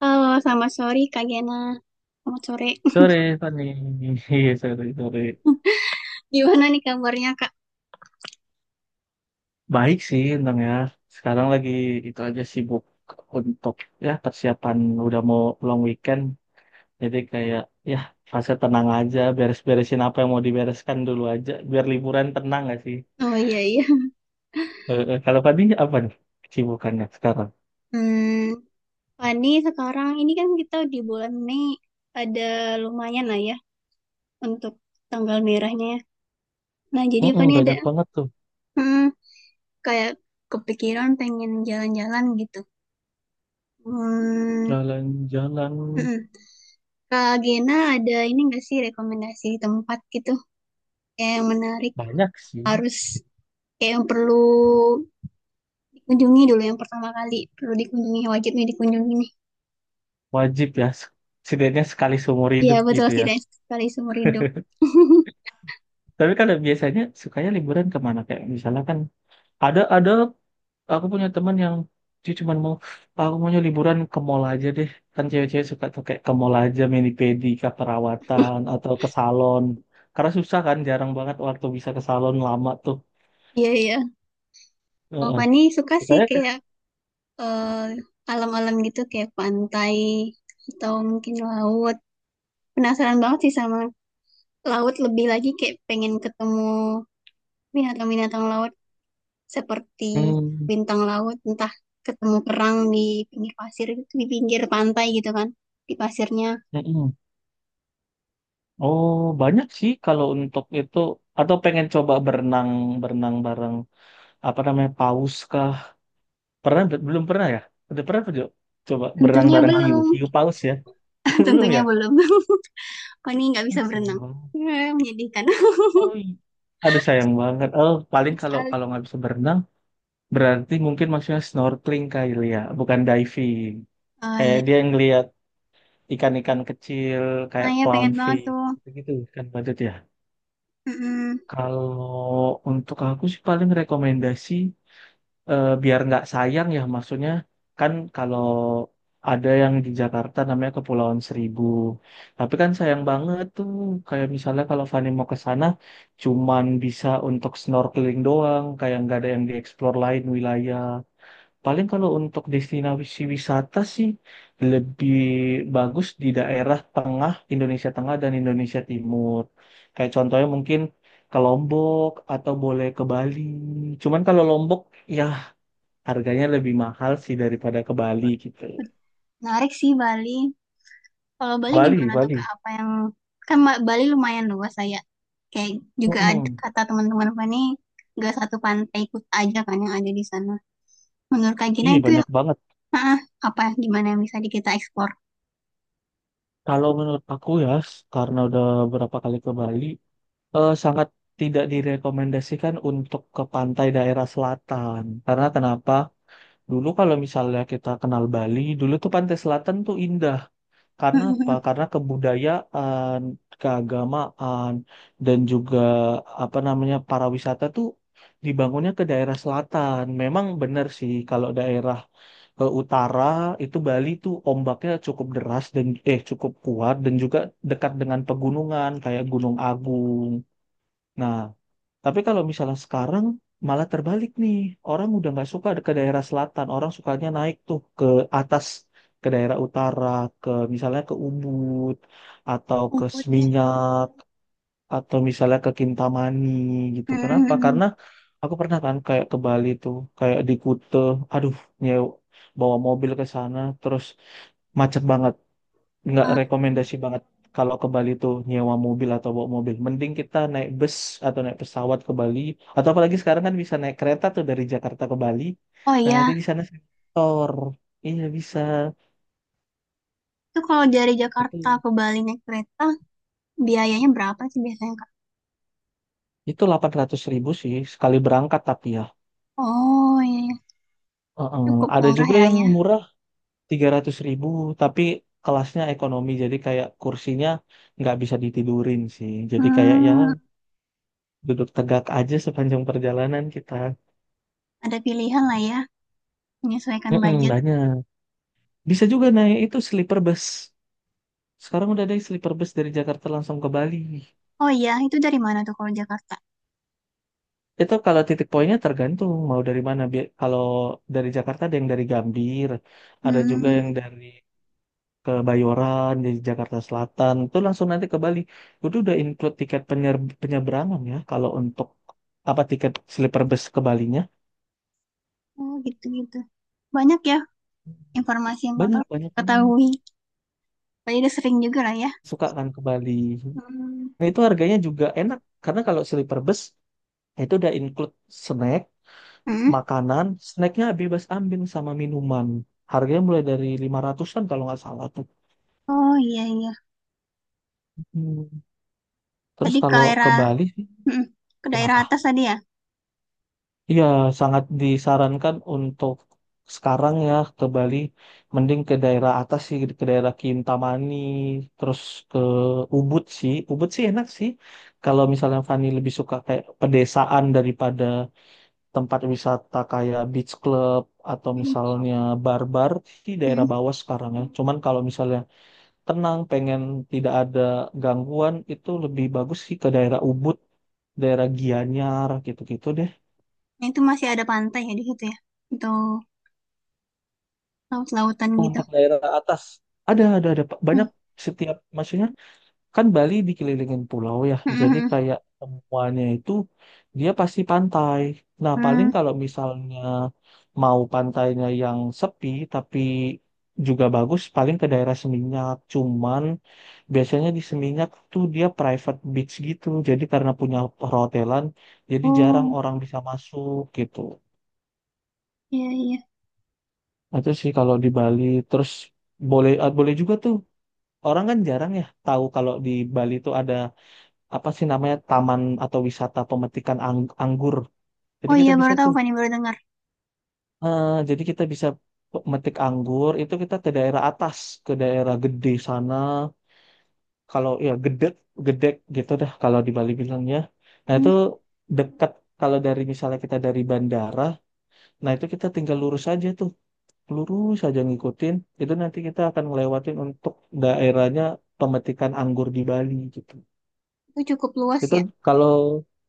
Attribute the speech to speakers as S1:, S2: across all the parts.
S1: Halo, selamat sore Kak Gena. Selamat sore.
S2: Sore, Fani. Iya, sore, sore.
S1: Gimana nih kabarnya Kak?
S2: Baik sih, Bang ya. Sekarang lagi itu aja sibuk untuk ya persiapan udah mau long weekend. Jadi kayak ya fase tenang aja, beres-beresin apa yang mau dibereskan dulu aja. Biar liburan tenang gak sih?
S1: Oh, iya, iya.
S2: Kalau Fani apa nih kesibukannya sekarang?
S1: Hmm, Fani sekarang ini kan kita di bulan Mei ada lumayan lah ya untuk tanggal merahnya, ya. Nah, jadi
S2: Mm-mm,
S1: Fani ada,
S2: banyak banget tuh.
S1: hmm, kayak, kepikiran pengen jalan-jalan gitu. Hmm,
S2: Jalan-jalan
S1: mm-mm. Kak Gena ada ini nggak sih rekomendasi tempat gitu, kayak yang menarik,
S2: banyak sih.
S1: harus, kayak yang perlu dikunjungi dulu, yang pertama kali perlu dikunjungi, wajibnya dikunjungi nih.
S2: Wajib ya, setidaknya sekali seumur
S1: Iya,
S2: hidup
S1: betul,
S2: gitu ya.
S1: tidak sekali seumur hidup.
S2: Tapi kalau biasanya sukanya liburan kemana? Kayak misalnya kan ada aku punya teman yang dia cuma mau, "Ah, aku maunya liburan ke mall aja deh. Kan cewek-cewek suka tuh kayak ke mall aja mani pedi ke perawatan atau ke salon. Karena susah kan jarang banget waktu bisa ke salon lama tuh."
S1: Iya, iya. Oh,
S2: Heeh.
S1: Fani suka sih
S2: Saya ke-
S1: kayak, eh, alam-alam gitu, kayak pantai atau mungkin laut. Penasaran banget sih sama laut, lebih lagi kayak pengen ketemu binatang-binatang laut seperti
S2: Hmm,
S1: bintang laut, entah ketemu kerang di pinggir pasir gitu, di pinggir pantai gitu kan, di pasirnya.
S2: mm-mm. Oh, banyak sih kalau untuk itu atau pengen coba berenang berenang bareng apa namanya paus kah? Pernah belum pernah ya? Udah pernah apa, Jo? Coba berenang
S1: Tentunya
S2: bareng hiu,
S1: belum.
S2: hiu paus ya? Belum
S1: Tentunya
S2: ya?
S1: belum. Fani nggak
S2: Ah,
S1: bisa
S2: sayang
S1: berenang.
S2: banget.
S1: Menyedihkan
S2: Oh, iya. Aduh sayang banget. Oh, paling kalau
S1: sekali.
S2: kalau nggak bisa berenang, berarti mungkin maksudnya snorkeling kali ya, bukan diving.
S1: Oh,
S2: Kayak
S1: iya.
S2: dia ngelihat ikan-ikan kecil
S1: Nah,
S2: kayak
S1: ya, pengen banget
S2: clownfish
S1: tuh.
S2: gitu-gitu kan budget ya.
S1: Mm-mm.
S2: Kalau untuk aku sih paling rekomendasi, biar nggak sayang ya maksudnya kan kalau ada yang di Jakarta namanya Kepulauan Seribu, tapi kan sayang banget tuh kayak misalnya kalau Fani mau ke sana cuman bisa untuk snorkeling doang kayak nggak ada yang dieksplor lain wilayah. Paling kalau untuk destinasi wisata sih lebih bagus di daerah tengah Indonesia Tengah dan Indonesia Timur kayak contohnya mungkin ke Lombok atau boleh ke Bali, cuman kalau Lombok ya harganya lebih mahal sih daripada ke Bali gitu.
S1: Menarik sih Bali. Kalau Bali
S2: Bali,
S1: gimana tuh Kak?
S2: Bali.
S1: Apa yang, kan Bali lumayan luas saya. Kayak juga ada,
S2: Mm-mm.
S1: kata teman-teman apa nih, nggak satu pantai ikut aja kan yang ada di sana. Menurut Kak Gina
S2: Iya
S1: itu
S2: banyak
S1: yang,
S2: banget.
S1: ah, apa, gimana yang bisa kita eksplor?
S2: Kalau menurut aku ya, karena udah berapa kali ke Bali, sangat tidak direkomendasikan untuk ke pantai daerah selatan. Karena kenapa? Dulu kalau misalnya kita kenal Bali, dulu tuh pantai selatan tuh indah. Karena apa?
S1: Mm-mm.
S2: Karena kebudayaan, keagamaan, dan juga apa namanya para wisata tuh dibangunnya ke daerah selatan. Memang benar sih kalau daerah ke utara itu Bali tuh ombaknya cukup deras dan cukup kuat dan juga dekat dengan pegunungan kayak Gunung Agung. Nah, tapi kalau misalnya sekarang malah terbalik nih. Orang udah nggak suka ke daerah selatan. Orang sukanya naik tuh ke atas, ke daerah utara, ke misalnya ke Ubud, atau ke
S1: Ubud ya.
S2: Seminyak, atau misalnya ke Kintamani gitu. Kenapa?
S1: Mm-mm.
S2: Karena aku pernah kan kayak ke Bali tuh, kayak di Kuta, aduh nyew, bawa mobil ke sana, terus macet banget. Nggak
S1: Ah,
S2: rekomendasi banget kalau ke Bali tuh nyewa mobil atau bawa mobil. Mending kita naik bus atau naik pesawat ke Bali. Atau apalagi sekarang kan bisa naik kereta tuh dari Jakarta ke Bali.
S1: oh,
S2: Nah nanti
S1: iya,
S2: di sana sektor. Iya bisa.
S1: itu kalau dari Jakarta
S2: Itu
S1: ke Bali naik kereta biayanya berapa sih biasanya Kak?
S2: itu 800.000 sih sekali berangkat tapi ya.
S1: Oh, iya, iya,
S2: Heeh.
S1: cukup
S2: Ada
S1: murah
S2: juga
S1: ya,
S2: yang
S1: ya.
S2: murah 300.000, tapi kelasnya ekonomi jadi kayak kursinya nggak bisa ditidurin sih. Jadi kayak ya
S1: Hmm,
S2: duduk tegak aja sepanjang perjalanan kita.
S1: ada pilihan lah ya, menyesuaikan
S2: Mm-mm,
S1: budget.
S2: banyak. Bisa juga naik itu sleeper bus. Sekarang udah ada sleeper bus dari Jakarta langsung ke Bali.
S1: Oh, iya, itu dari mana tuh kalau Jakarta?
S2: Itu kalau titik poinnya tergantung mau dari mana. Kalau dari Jakarta ada yang dari Gambir, ada juga
S1: Hmm,
S2: yang dari Kebayoran, dari Jakarta Selatan. Itu langsung nanti ke Bali. Itu udah include tiket penyeberangan ya. Kalau untuk apa tiket sleeper bus ke Balinya.
S1: oh, gitu-gitu. Banyak ya informasi yang
S2: Banyak,
S1: kakak
S2: banyak banget.
S1: ketahui. Tadi udah sering juga lah ya.
S2: Suka kan ke Bali.
S1: Hmm.
S2: Nah, itu harganya juga enak. Karena kalau sleeper bus, itu udah include snack,
S1: Hmm.
S2: makanan, snacknya bebas ambil sama minuman. Harganya mulai dari 500-an kalau nggak salah tuh.
S1: Oh, iya, iya.
S2: Hmm. Terus
S1: Tadi ke
S2: kalau ke
S1: daerah,
S2: Bali sih,
S1: hmm, ke daerah
S2: kenapa?
S1: atas tadi ya.
S2: Iya, sangat disarankan untuk sekarang ya ke Bali, mending ke daerah atas sih, ke daerah Kintamani, terus ke Ubud sih. Ubud sih enak sih. Kalau misalnya Fani lebih suka kayak pedesaan daripada tempat wisata kayak beach club atau
S1: Hmm.
S2: misalnya bar-bar di daerah
S1: Hmm.
S2: bawah sekarang ya. Cuman kalau misalnya tenang, pengen tidak ada gangguan itu lebih bagus sih ke daerah Ubud, daerah Gianyar gitu-gitu deh.
S1: Nah, itu masih ada pantai ya di situ ya, atau laut-lautan gitu.
S2: Untuk daerah atas ada Pak,
S1: Hmm.
S2: banyak. Setiap maksudnya kan Bali dikelilingin pulau ya,
S1: Hmm, hmm,
S2: jadi
S1: hmm.
S2: kayak semuanya itu dia pasti pantai. Nah, paling
S1: Hmm.
S2: kalau misalnya mau pantainya yang sepi tapi juga bagus, paling ke daerah Seminyak. Cuman biasanya di Seminyak tuh dia private beach gitu, jadi karena punya perhotelan, jadi jarang
S1: Oh,
S2: orang bisa masuk gitu.
S1: iya, iya.
S2: Nah, itu sih kalau di Bali, terus boleh ah, boleh juga tuh. Orang kan jarang ya tahu kalau di Bali tuh ada apa sih namanya taman atau wisata pemetikan anggur. Jadi
S1: Oh, iya,
S2: kita bisa
S1: baru tahu,
S2: tuh,
S1: Fani baru dengar.
S2: jadi kita bisa metik anggur itu kita ke daerah atas, ke daerah gede sana. Kalau ya gede, gedek gitu dah kalau di Bali bilangnya. Nah
S1: Hmm.
S2: itu dekat kalau dari misalnya kita dari bandara, nah itu kita tinggal lurus aja tuh, lurus aja ngikutin. Itu nanti kita akan ngelewatin untuk daerahnya pemetikan anggur di Bali gitu.
S1: Itu cukup luas
S2: Itu
S1: ya.
S2: kalau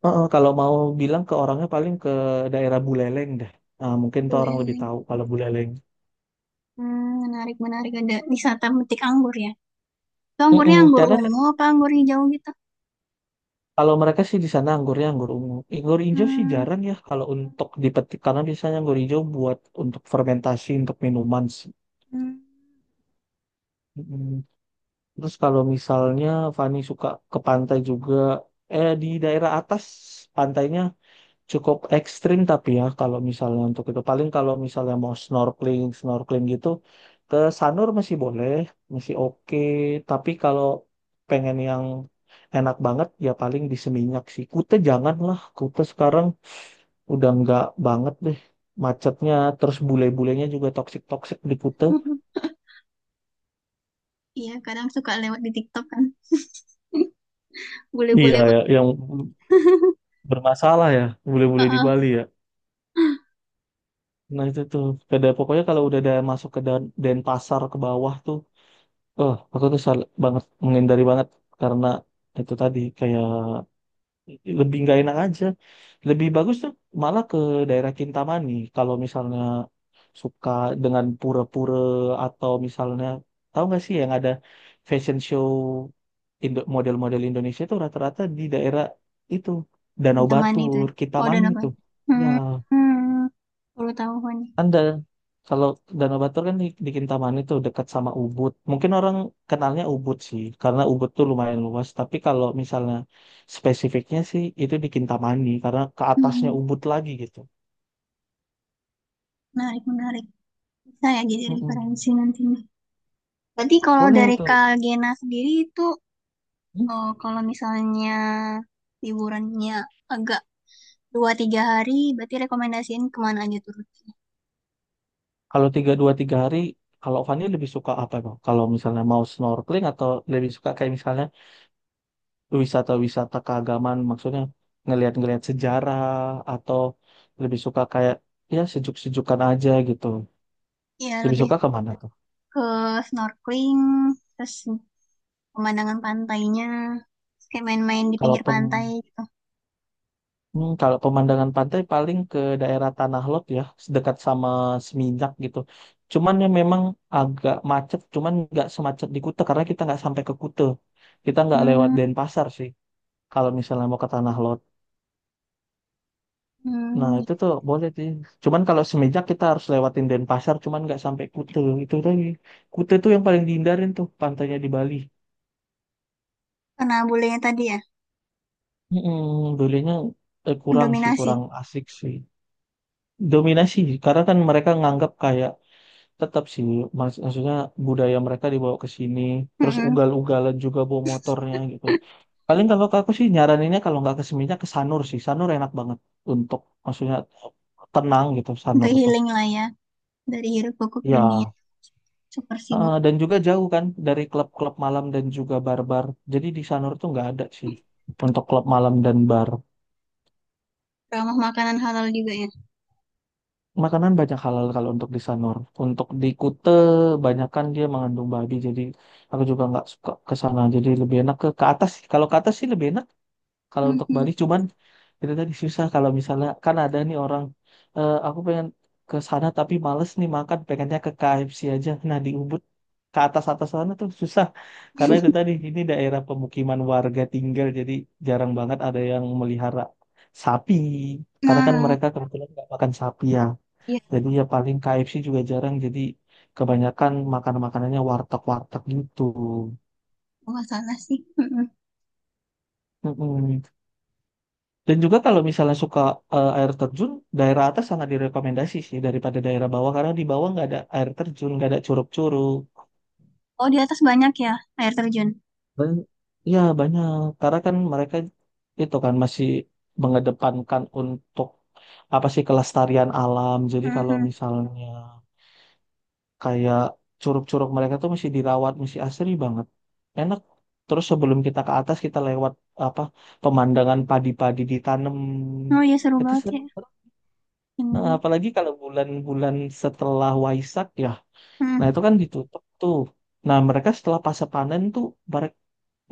S2: kalau mau bilang ke orangnya paling ke daerah Buleleng deh. Nah, mungkin tuh orang lebih
S1: Boleh.
S2: tahu kalau Buleleng.
S1: Hmm, menarik, menarik, ada wisata metik anggur ya. Itu anggurnya
S2: Mm-mm,
S1: anggur
S2: karena kan
S1: ungu apa anggur hijau gitu?
S2: kalau mereka sih di sana anggurnya anggur ungu. Anggur hijau sih
S1: Hmm,
S2: jarang ya kalau untuk dipetik karena biasanya anggur hijau buat untuk fermentasi untuk minuman sih.
S1: hmm.
S2: Mm-mm. Terus kalau misalnya Fani suka ke pantai juga, di daerah atas pantainya cukup ekstrim tapi ya kalau misalnya untuk itu paling kalau misalnya mau snorkeling snorkeling gitu ke Sanur masih boleh, masih oke, tapi kalau pengen yang enak banget ya paling di Seminyak sih. Kute jangan lah, Kute sekarang udah nggak banget deh, macetnya terus bule-bulenya juga toksik toksik di Kute.
S1: Iya, kadang suka lewat di TikTok kan.
S2: Iya
S1: Boleh-boleh
S2: ya
S1: banget.
S2: yang bermasalah ya bule-bule di
S1: Heeh.
S2: Bali ya, nah itu tuh. Pokoknya kalau udah ada masuk ke Dan Denpasar ke bawah tuh, oh, aku tuh banget menghindari banget karena itu tadi kayak lebih nggak enak aja. Lebih bagus tuh malah ke daerah Kintamani kalau misalnya suka dengan pura-pura atau misalnya tahu nggak sih yang ada fashion show, model-model Indonesia itu rata-rata di daerah itu, Danau
S1: Yang mana itu, ya?
S2: Batur,
S1: Oh, udah
S2: Kintamani itu.
S1: dapat.
S2: Ya,
S1: Hmm, hmm. Baru tahu gua nih.
S2: anda kalau Danau Batur kan di Kintamani tuh dekat sama Ubud. Mungkin orang kenalnya Ubud sih, karena Ubud tuh lumayan luas. Tapi kalau misalnya spesifiknya sih itu di Kintamani, karena ke atasnya
S1: Hmm.
S2: Ubud lagi gitu.
S1: Menarik, menarik. Bisa ya jadi referensi
S2: Mm-mm.
S1: nantinya. Berarti kalau
S2: Boleh
S1: dari
S2: itu.
S1: Kak Gena sendiri itu,
S2: Hmm?
S1: oh, kalau misalnya liburannya agak dua tiga hari, berarti rekomendasiin kemana aja tuh?
S2: Kalau dua tiga hari, kalau Fani lebih suka apa kok? Kalau misalnya mau snorkeling atau lebih suka kayak misalnya wisata-wisata keagamaan, maksudnya ngelihat-ngelihat sejarah, atau lebih suka kayak ya sejuk-sejukan aja gitu.
S1: Ya,
S2: Lebih
S1: lebih
S2: suka ke mana tuh?
S1: ke snorkeling, terus pemandangan pantainya, terus kayak main-main di
S2: Kalau
S1: pinggir
S2: pem
S1: pantai gitu.
S2: kalau pemandangan pantai paling ke daerah Tanah Lot ya, dekat sama Seminyak gitu. Cuman ya memang agak macet, cuman nggak semacet di Kuta karena kita nggak sampai ke Kuta. Kita nggak lewat
S1: Hmm,
S2: Denpasar sih kalau misalnya mau ke Tanah Lot. Nah
S1: hmm.
S2: itu tuh boleh sih. Cuman kalau Seminyak kita harus lewatin Denpasar, cuman nggak sampai Kuta. Itu lagi. Kuta tuh yang paling dihindarin tuh pantainya di Bali.
S1: Karena bulenya tadi ya,
S2: Hmm, Bolehnya kurang sih,
S1: mendominasi.
S2: kurang asik sih. Dominasi karena kan mereka nganggap kayak tetap sih, maksudnya budaya mereka dibawa ke sini terus
S1: Hmm.
S2: ugal-ugalan juga bawa motornya gitu. Paling kalau ke aku sih nyaraninnya kalau nggak ke Seminyak ke Sanur sih. Sanur enak banget untuk maksudnya tenang gitu. Sanur
S1: Untuk
S2: tuh
S1: healing lah ya, dari hiruk pikuk dunia
S2: ya,
S1: super sibuk.
S2: dan juga jauh kan dari klub-klub malam dan juga bar-bar, jadi di Sanur tuh nggak ada sih untuk klub malam dan bar.
S1: Ramah makanan halal juga ya.
S2: Makanan banyak halal kalau untuk di Sanur. Untuk di Kute, banyakkan dia mengandung babi. Jadi aku juga nggak suka ke sana. Jadi lebih enak ke atas sih. Kalau ke atas sih lebih enak. Kalau untuk
S1: Hmm.
S2: Bali cuman itu tadi susah. Kalau misalnya kan ada nih orang, "Eh, aku pengen ke sana tapi males nih makan. Pengennya ke KFC aja." Nah di Ubud ke atas atas sana tuh susah. Karena itu tadi ini daerah pemukiman warga tinggal. Jadi jarang banget ada yang melihara sapi. Karena kan
S1: Nah,
S2: mereka kebetulan nggak makan sapi ya.
S1: iya,
S2: Jadi ya paling KFC juga jarang. Jadi kebanyakan makan-makanannya warteg-warteg gitu.
S1: nggak salah sih. Hmm.
S2: Mm-mm. Dan juga kalau misalnya suka air terjun, daerah atas sangat direkomendasi sih daripada daerah bawah karena di bawah nggak ada air terjun, nggak ada curug-curug.
S1: Oh, di atas banyak ya air terjun.
S2: Ban- ya banyak karena kan mereka itu kan masih mengedepankan untuk apa sih kelestarian alam. Jadi kalau
S1: Hmm.
S2: misalnya kayak curug-curug mereka tuh masih dirawat, masih asri banget. Enak. Terus sebelum kita ke atas kita lewat apa pemandangan padi-padi ditanam.
S1: Oh, iya, seru
S2: Itu
S1: banget
S2: seru.
S1: ya.
S2: Nah,
S1: Hmm.
S2: apalagi kalau bulan-bulan setelah Waisak ya.
S1: Hmm.
S2: Nah, itu kan ditutup tuh. Nah, mereka setelah pasca panen tuh mereka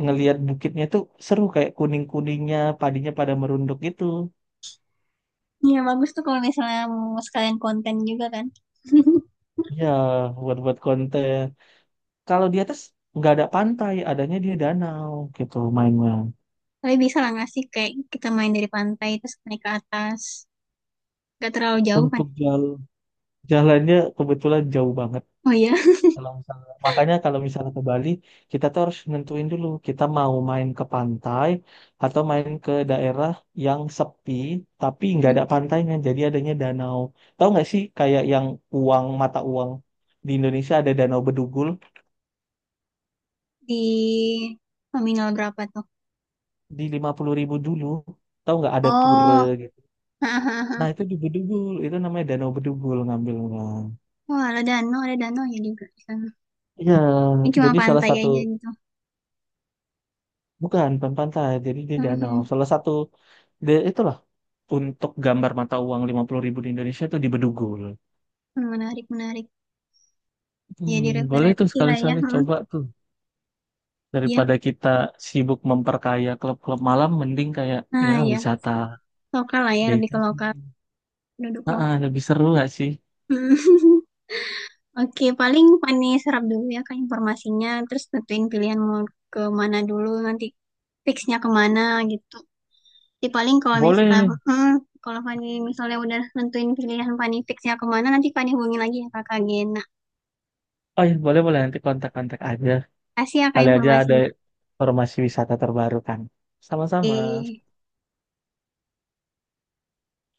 S2: ngelihat bukitnya tuh seru kayak kuning-kuningnya, padinya pada merunduk gitu.
S1: Iya, bagus tuh kalau misalnya mau sekalian konten juga kan.
S2: Ya, buat-buat konten. Kalau di atas nggak ada pantai, adanya dia danau gitu mainnya.
S1: Tapi bisa lah nggak sih kayak kita main dari pantai terus naik ke atas. Gak terlalu jauh kan?
S2: Untuk jalan Jalannya kebetulan jauh banget.
S1: Oh, iya.
S2: Kalau misalnya, makanya kalau misalnya ke Bali, kita tuh harus nentuin dulu kita mau main ke pantai atau main ke daerah yang sepi tapi nggak
S1: Hmm.
S2: ada pantainya. Jadi adanya danau. Tahu nggak sih kayak yang mata uang di Indonesia ada danau Bedugul
S1: Di nominal berapa tuh?
S2: di 50.000 dulu. Tahu nggak ada pura
S1: Oh,
S2: gitu.
S1: hahaha.
S2: Nah itu di Bedugul itu namanya danau Bedugul ngambilnya.
S1: Oh, ada danau ya juga di sana.
S2: Iya,
S1: Ini cuma
S2: jadi salah
S1: pantai
S2: satu
S1: aja gitu.
S2: bukan bukan pantai, jadi di danau.
S1: Mhm.
S2: Salah satu itulah untuk gambar mata uang 50.000 di Indonesia itu di Bedugul.
S1: Menarik, menarik. Jadi
S2: Boleh tuh
S1: referensi lah ya.
S2: sekali-sekali
S1: Hmm,
S2: coba tuh.
S1: iya.
S2: Daripada kita sibuk memperkaya klub-klub malam, mending kayak ya
S1: Nah ya,
S2: wisata
S1: lokal lah ya, lebih ke
S2: desa sih.
S1: lokal. Duduk
S2: Ah, ah,
S1: lokal.
S2: lebih seru gak sih?
S1: Mhm. Oke, paling Fani serap dulu ya kan informasinya. Terus tentuin pilihan mau ke mana dulu, nanti fixnya kemana gitu. Jadi paling kalau misalnya,
S2: Boleh.
S1: kalau Fani misalnya udah nentuin pilihan, Fani fix ya kemana, nanti Fani hubungi lagi ya kakak Gena.
S2: Oh iya, boleh boleh nanti kontak-kontak aja.
S1: Kasih ya kak
S2: Kali aja ada
S1: informasinya.
S2: informasi wisata terbaru kan. Sama-sama.
S1: Oke.